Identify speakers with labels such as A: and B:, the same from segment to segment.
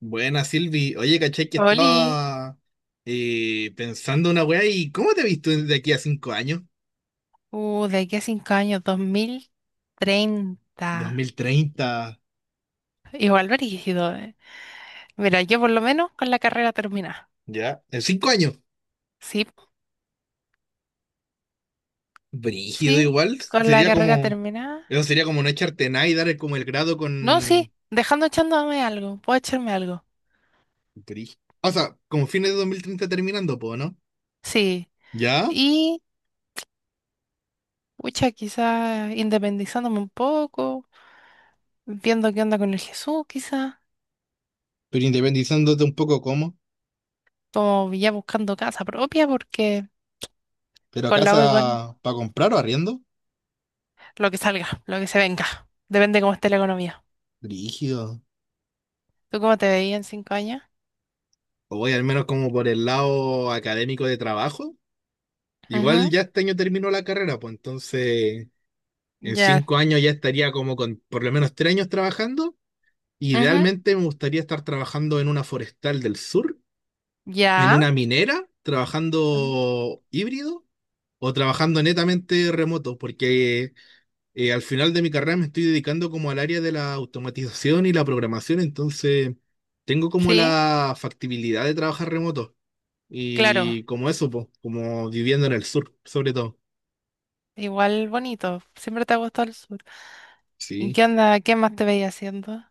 A: Buena, Silvi. Oye, caché que
B: Oli,
A: estaba pensando una weá. ¿Y cómo te has visto de aquí a 5 años?
B: de aquí a 5 años,
A: Dos
B: 2030.
A: mil treinta,
B: Igual brígido. Mira, yo por lo menos con la carrera terminada.
A: ya. En 5 años.
B: Sí,
A: Brígido
B: sí,
A: igual.
B: con la
A: Sería
B: carrera
A: como.
B: terminada.
A: Eso sería como no echarte nada y dar como el grado
B: No, sí,
A: con.
B: dejando echándome algo, puedo echarme algo.
A: brí- O sea, como fines de 2030 terminando, po, ¿no?
B: Sí.
A: Ya.
B: Y, pucha, quizás independizándome un poco, viendo qué onda con el Jesús, quizás,
A: Pero independizándote un poco, ¿cómo?
B: como ya buscando casa propia, porque
A: ¿Pero
B: con la
A: casa
B: U igual,
A: para comprar o arriendo?
B: lo que salga, lo que se venga. Depende cómo esté la economía.
A: Brígido.
B: ¿Tú cómo te veías en 5 años?
A: O voy al menos como por el lado académico de trabajo. Igual
B: Ujú.
A: ya este año terminó la carrera, pues entonces en
B: Ya.
A: 5 años ya estaría como con por lo menos 3 años trabajando.
B: Ujú.
A: Idealmente me gustaría estar trabajando en una forestal del sur, en
B: Ya.
A: una minera,
B: Ah.
A: trabajando híbrido o trabajando netamente remoto, porque al final de mi carrera me estoy dedicando como al área de la automatización y la programación, entonces tengo como
B: Sí.
A: la factibilidad de trabajar remoto,
B: Claro,
A: y como eso, pues, como viviendo en el sur, sobre todo.
B: igual bonito, siempre te ha gustado el sur. ¿Y
A: Sí.
B: qué onda, qué más te veía haciendo?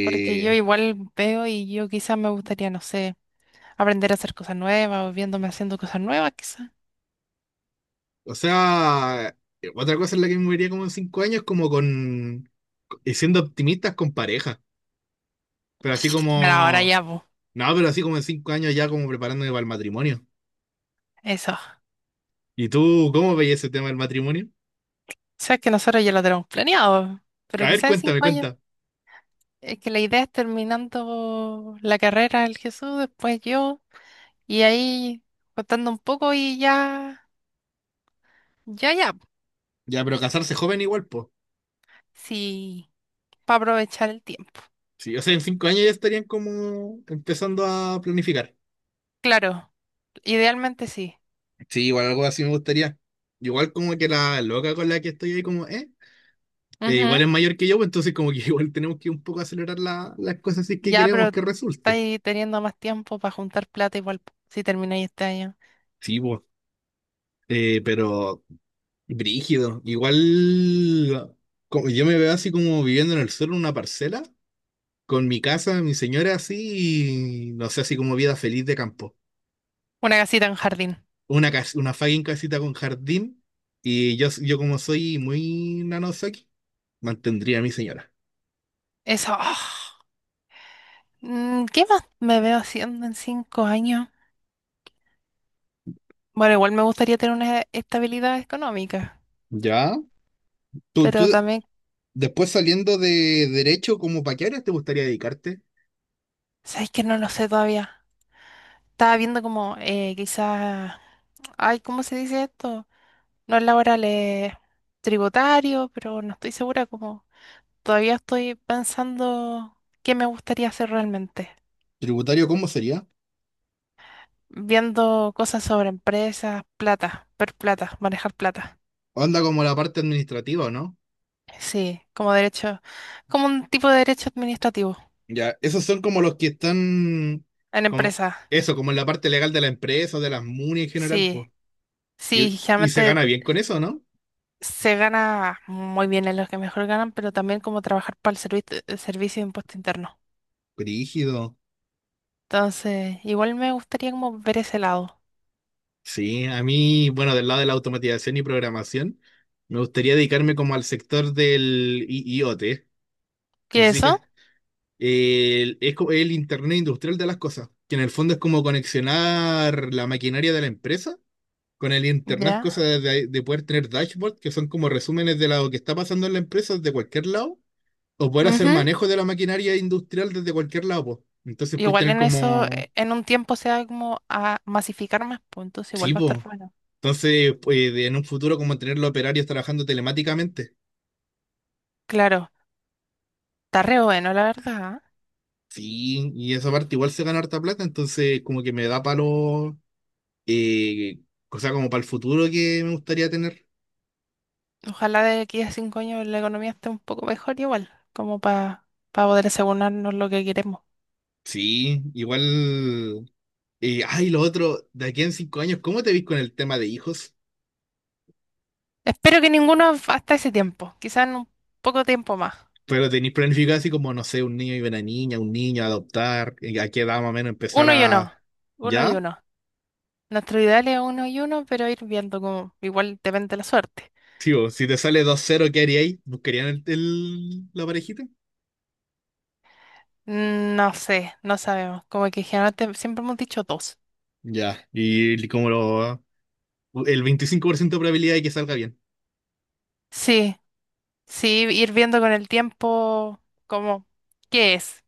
B: Porque yo igual veo y yo quizás me gustaría, no sé, aprender a hacer cosas nuevas o viéndome haciendo cosas nuevas quizás.
A: o sea, otra cosa en la que me moriría como en 5 años, como con, y siendo optimistas, con pareja. Pero así
B: Pero ahora
A: como,
B: ya, pues,
A: no, pero así como en 5 años ya como preparándome para el matrimonio.
B: eso.
A: ¿Y tú cómo veías ese tema del matrimonio?
B: Sabes que nosotros ya lo tenemos planeado, pero
A: A ver,
B: quizás en
A: cuéntame,
B: 5 años.
A: cuenta.
B: Es que la idea es terminando la carrera del Jesús, después yo, y ahí contando un poco y ya, ya, ya.
A: Ya, pero casarse joven igual, pues.
B: Sí. Para aprovechar el tiempo.
A: Sí, o sea, en 5 años ya estarían como empezando a planificar.
B: Claro, idealmente sí.
A: Sí, igual algo así me gustaría. Igual como que la loca con la que estoy ahí como, ¿eh? Igual
B: Ujú.
A: es mayor que yo, pues entonces como que igual tenemos que un poco acelerar las cosas si es que
B: Ya,
A: queremos
B: pero
A: que resulte.
B: estáis teniendo más tiempo para juntar plata igual po, si termináis este año.
A: Sí, pues. Pero brígido. Igual como, yo me veo así como viviendo en el sur en una parcela, con mi casa, mi señora así, y no sé, así como vida feliz de campo.
B: Una casita en jardín.
A: Una fucking casita con jardín, y yo, como soy muy nanosaki, mantendría a mi señora.
B: Eso. Ah. ¿Qué más me veo haciendo en 5 años? Bueno, igual me gustaría tener una estabilidad económica,
A: ¿Ya? ¿Tú,
B: pero también,
A: después saliendo de derecho, ¿como para qué áreas te gustaría dedicarte?
B: ¿sabéis que no lo sé todavía? Estaba viendo como quizás, ay, ¿cómo se dice esto? No es laboral, es tributario, pero no estoy segura como todavía estoy pensando qué me gustaría hacer realmente,
A: ¿Tributario cómo sería?
B: viendo cosas sobre empresas, plata, ver plata, manejar plata.
A: Anda como la parte administrativa, ¿o no?
B: Sí, como derecho, como un tipo de derecho administrativo
A: Ya, esos son como los que están,
B: en
A: como,
B: empresas.
A: eso, como en la parte legal de la empresa, de las MUNI en general,
B: Sí,
A: pues. Y,
B: sí,
A: y se
B: generalmente
A: gana bien con eso, ¿no?
B: se gana muy bien en los que mejor ganan, pero también como trabajar para el el servicio de impuesto interno.
A: Brígido.
B: Entonces, igual me gustaría como ver ese lado.
A: Sí, a mí, bueno, del lado de la automatización y programación, me gustaría dedicarme como al sector del IoT. No
B: ¿Qué
A: sé
B: es
A: si
B: eso?
A: el, es el Internet Industrial de las cosas, que en el fondo es como conexionar la maquinaria de la empresa con el internet,
B: Ya.
A: cosa de poder tener dashboards, que son como resúmenes de lo que está pasando en la empresa de cualquier lado, o poder hacer
B: Ujú.
A: manejo de la maquinaria industrial desde cualquier lado, po. Entonces puedes
B: Igual
A: tener
B: en eso,
A: como,
B: en un tiempo se va como a masificar más, pues entonces
A: sí,
B: igual va a estar
A: po.
B: bueno.
A: Entonces, pues, en un futuro, como tener los operarios trabajando telemáticamente.
B: Claro, está re bueno, la verdad.
A: Sí, y esa parte igual se gana harta plata, entonces como que me da palo, eh, cosa como para el futuro que me gustaría tener.
B: ¿Eh? Ojalá de aquí a cinco años la economía esté un poco mejor igual, como para poder asegurarnos lo que queremos.
A: Sí, igual, ay, lo otro, de aquí en 5 años, ¿cómo te ves con el tema de hijos?
B: Espero que ninguno hasta ese tiempo, quizás en un poco tiempo más.
A: Pero tenéis planificado así como, no sé, un niño y una niña, un niño, adoptar, ¿a qué edad más o menos empezar
B: Uno y
A: a...?
B: uno, uno y
A: ¿Ya?
B: uno. Nuestro ideal es uno y uno, pero ir viendo como igual depende de la suerte.
A: Tío, si te sale 2-0, ¿qué haríais? ¿Buscarían el, la parejita?
B: No sé, no sabemos, como que generalmente siempre hemos dicho dos.
A: Ya, y como lo... El 25% de probabilidad de que salga bien.
B: Sí. Sí, ir viendo con el tiempo como qué es,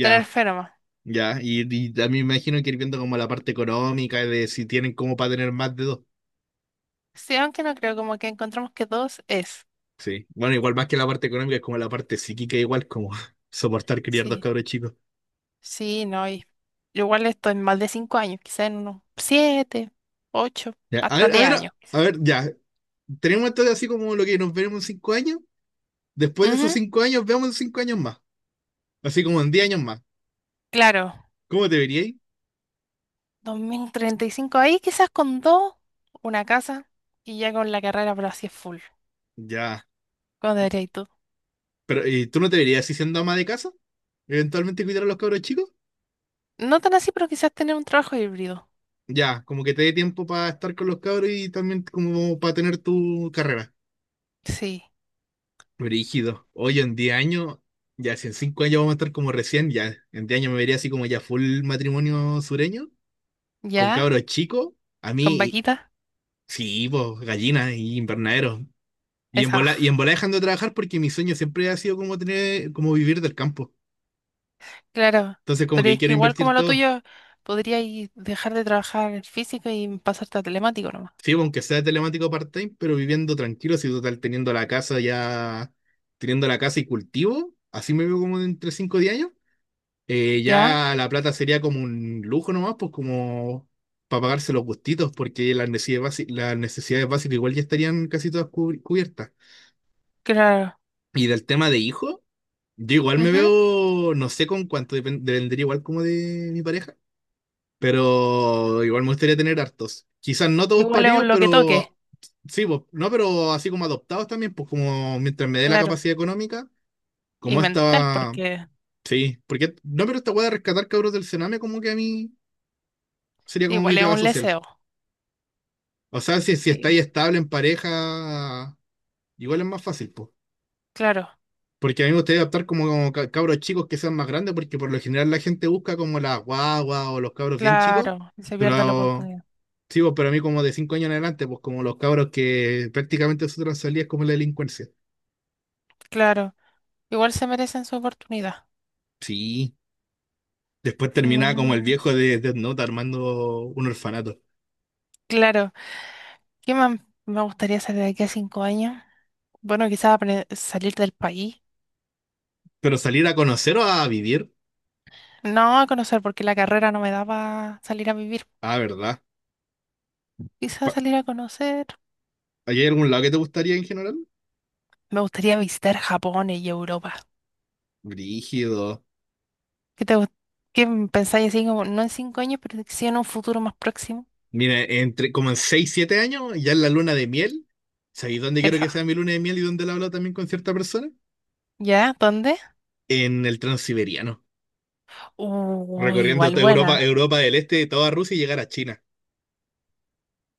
B: tener fe nomás.
A: ya, y también me imagino que ir viendo como la parte económica, de si tienen como para tener más de dos.
B: Sí, aunque no creo, como que encontramos que dos es.
A: Sí, bueno, igual más que la parte económica, es como la parte psíquica, igual como soportar criar dos
B: Sí,
A: cabros chicos.
B: sí, no, y igual esto en más de 5 años, quizá en unos 7, 8,
A: Ya, a
B: hasta
A: ver, a
B: de
A: ver,
B: años. Quizá.
A: a ver, ya, tenemos esto de así como lo que nos veremos en 5 años. Después de esos
B: Ujú,
A: 5 años, veamos en 5 años más. Así como en 10 años más.
B: claro,
A: ¿Cómo te veríais?
B: 2035 ahí quizás con dos, una casa y ya con la carrera, pero así es full.
A: Ya.
B: ¿Cómo debería ir tú?
A: Pero, ¿y tú no te verías así siendo ama de casa? ¿Eventualmente cuidar a los cabros chicos?
B: No tan así, pero quizás tener un trabajo híbrido.
A: Ya, como que te dé tiempo para estar con los cabros, y también como para tener tu carrera.
B: Sí,
A: Brígido. Oye, en 10 años, ya, si en 5 años vamos a estar como recién, ya en 10 años me vería así como ya full matrimonio sureño, con
B: ya,
A: cabros chicos. A
B: con
A: mí,
B: vaquita,
A: sí, pues gallinas y invernaderos. Y en
B: esa. Ah.
A: bola, y en bola, dejando de trabajar, porque mi sueño siempre ha sido como tener, como vivir del campo.
B: Claro,
A: Entonces como
B: pero
A: que ahí
B: es
A: quiero
B: que igual
A: invertir
B: como lo
A: todo.
B: tuyo, podrías dejar de trabajar físico y pasarte a telemático nomás.
A: Sí, pues, aunque sea telemático part-time, pero viviendo tranquilo, si total teniendo la casa ya, teniendo la casa y cultivo, así me veo como entre 5 o 10 años. eh,
B: ¿Ya?
A: ya la plata sería como un lujo nomás, pues como para pagarse los gustitos, porque las necesidades, las necesidades básicas igual ya estarían casi todas cubiertas.
B: Claro.
A: Y del tema de hijo, yo igual me
B: Ujú.
A: veo, no sé con cuánto, dependería igual como de mi pareja. Pero igual me gustaría tener hartos. Quizás no todos
B: Igual es
A: paridos,
B: un lo que toque,
A: pero sí, pues, no, pero así como adoptados también, pues como mientras me dé la
B: claro.
A: capacidad económica,
B: Y
A: como
B: mental,
A: esta,
B: porque
A: sí, porque no, pero esta weá de rescatar cabros del Sename como que a mí sería como mi
B: igual es
A: pega
B: un
A: social.
B: leseo.
A: O sea, si
B: Sí.
A: estáis estable en pareja, igual es más fácil, pues.
B: Claro,
A: Porque a mí me gustaría adoptar como, cabros chicos que sean más grandes, porque por lo general la gente busca como la guagua o los cabros bien chicos,
B: claro. Y se pierde la
A: pero...
B: oportunidad.
A: Sí, pues, pero a mí como de 5 años en adelante, pues como los cabros que prácticamente su salía es como la delincuencia.
B: Claro. Igual se merecen su oportunidad.
A: Sí. Después terminaba como el
B: Mm,
A: viejo de Death Note armando un orfanato.
B: claro. ¿Qué más me gustaría hacer de aquí a 5 años? Bueno, quizás salir del país.
A: ¿Pero salir a conocer o a vivir?
B: No, a conocer, porque la carrera no me daba salir a vivir.
A: Ah, ¿verdad?
B: Quizás
A: Pa-
B: salir a conocer.
A: ¿Hay algún lado que te gustaría en general?
B: Me gustaría visitar Japón y Europa.
A: Brígido.
B: ¿Qué te, gu- qué pensáis así como, no en 5 años, pero sí en un futuro más próximo?
A: Mira, entre como en 6 7 años, ya en la luna de miel. ¿Sabéis dónde quiero que
B: Esa.
A: sea mi luna de miel, y dónde la hablo también con cierta persona?
B: ¿Ya? ¿Dónde?
A: En el Transiberiano.
B: Uy,
A: Recorriendo
B: igual
A: toda Europa,
B: buena.
A: Europa del Este, toda Rusia, y llegar a China.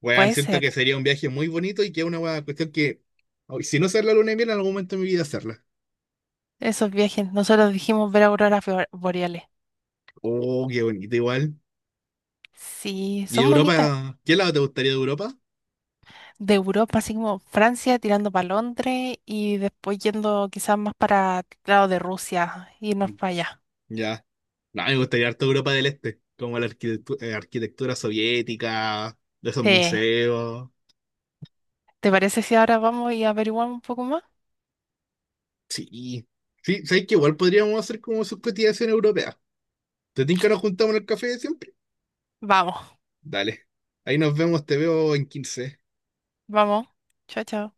A: Weón,
B: Puede
A: siento
B: ser.
A: que sería un viaje muy bonito, y que es una weá, cuestión que, oh, si no hacer la luna de miel, en algún momento de mi vida hacerla.
B: Esos viajes. Nosotros dijimos ver auroras boreales.
A: Oh, qué bonito igual.
B: Sí,
A: ¿Y
B: son bonitas.
A: Europa? ¿Qué lado te gustaría de Europa?
B: De Europa, así como Francia, tirando para Londres y después yendo quizás más para el lado de Rusia, irnos
A: Mm.
B: para allá.
A: Ya. No, me gustaría harto Europa del Este, como la arquitectura soviética, de esos
B: Sí.
A: museos.
B: ¿Te parece si ahora vamos y averiguamos un poco más?
A: Sí. Sí, ¿sabes qué? Igual podríamos hacer como sus cotizaciones europeas. ¿Te tinca nos juntamos en el café de siempre?
B: Vamos.
A: Dale. Ahí nos vemos, te veo en 15
B: Vamos. Chao, chao.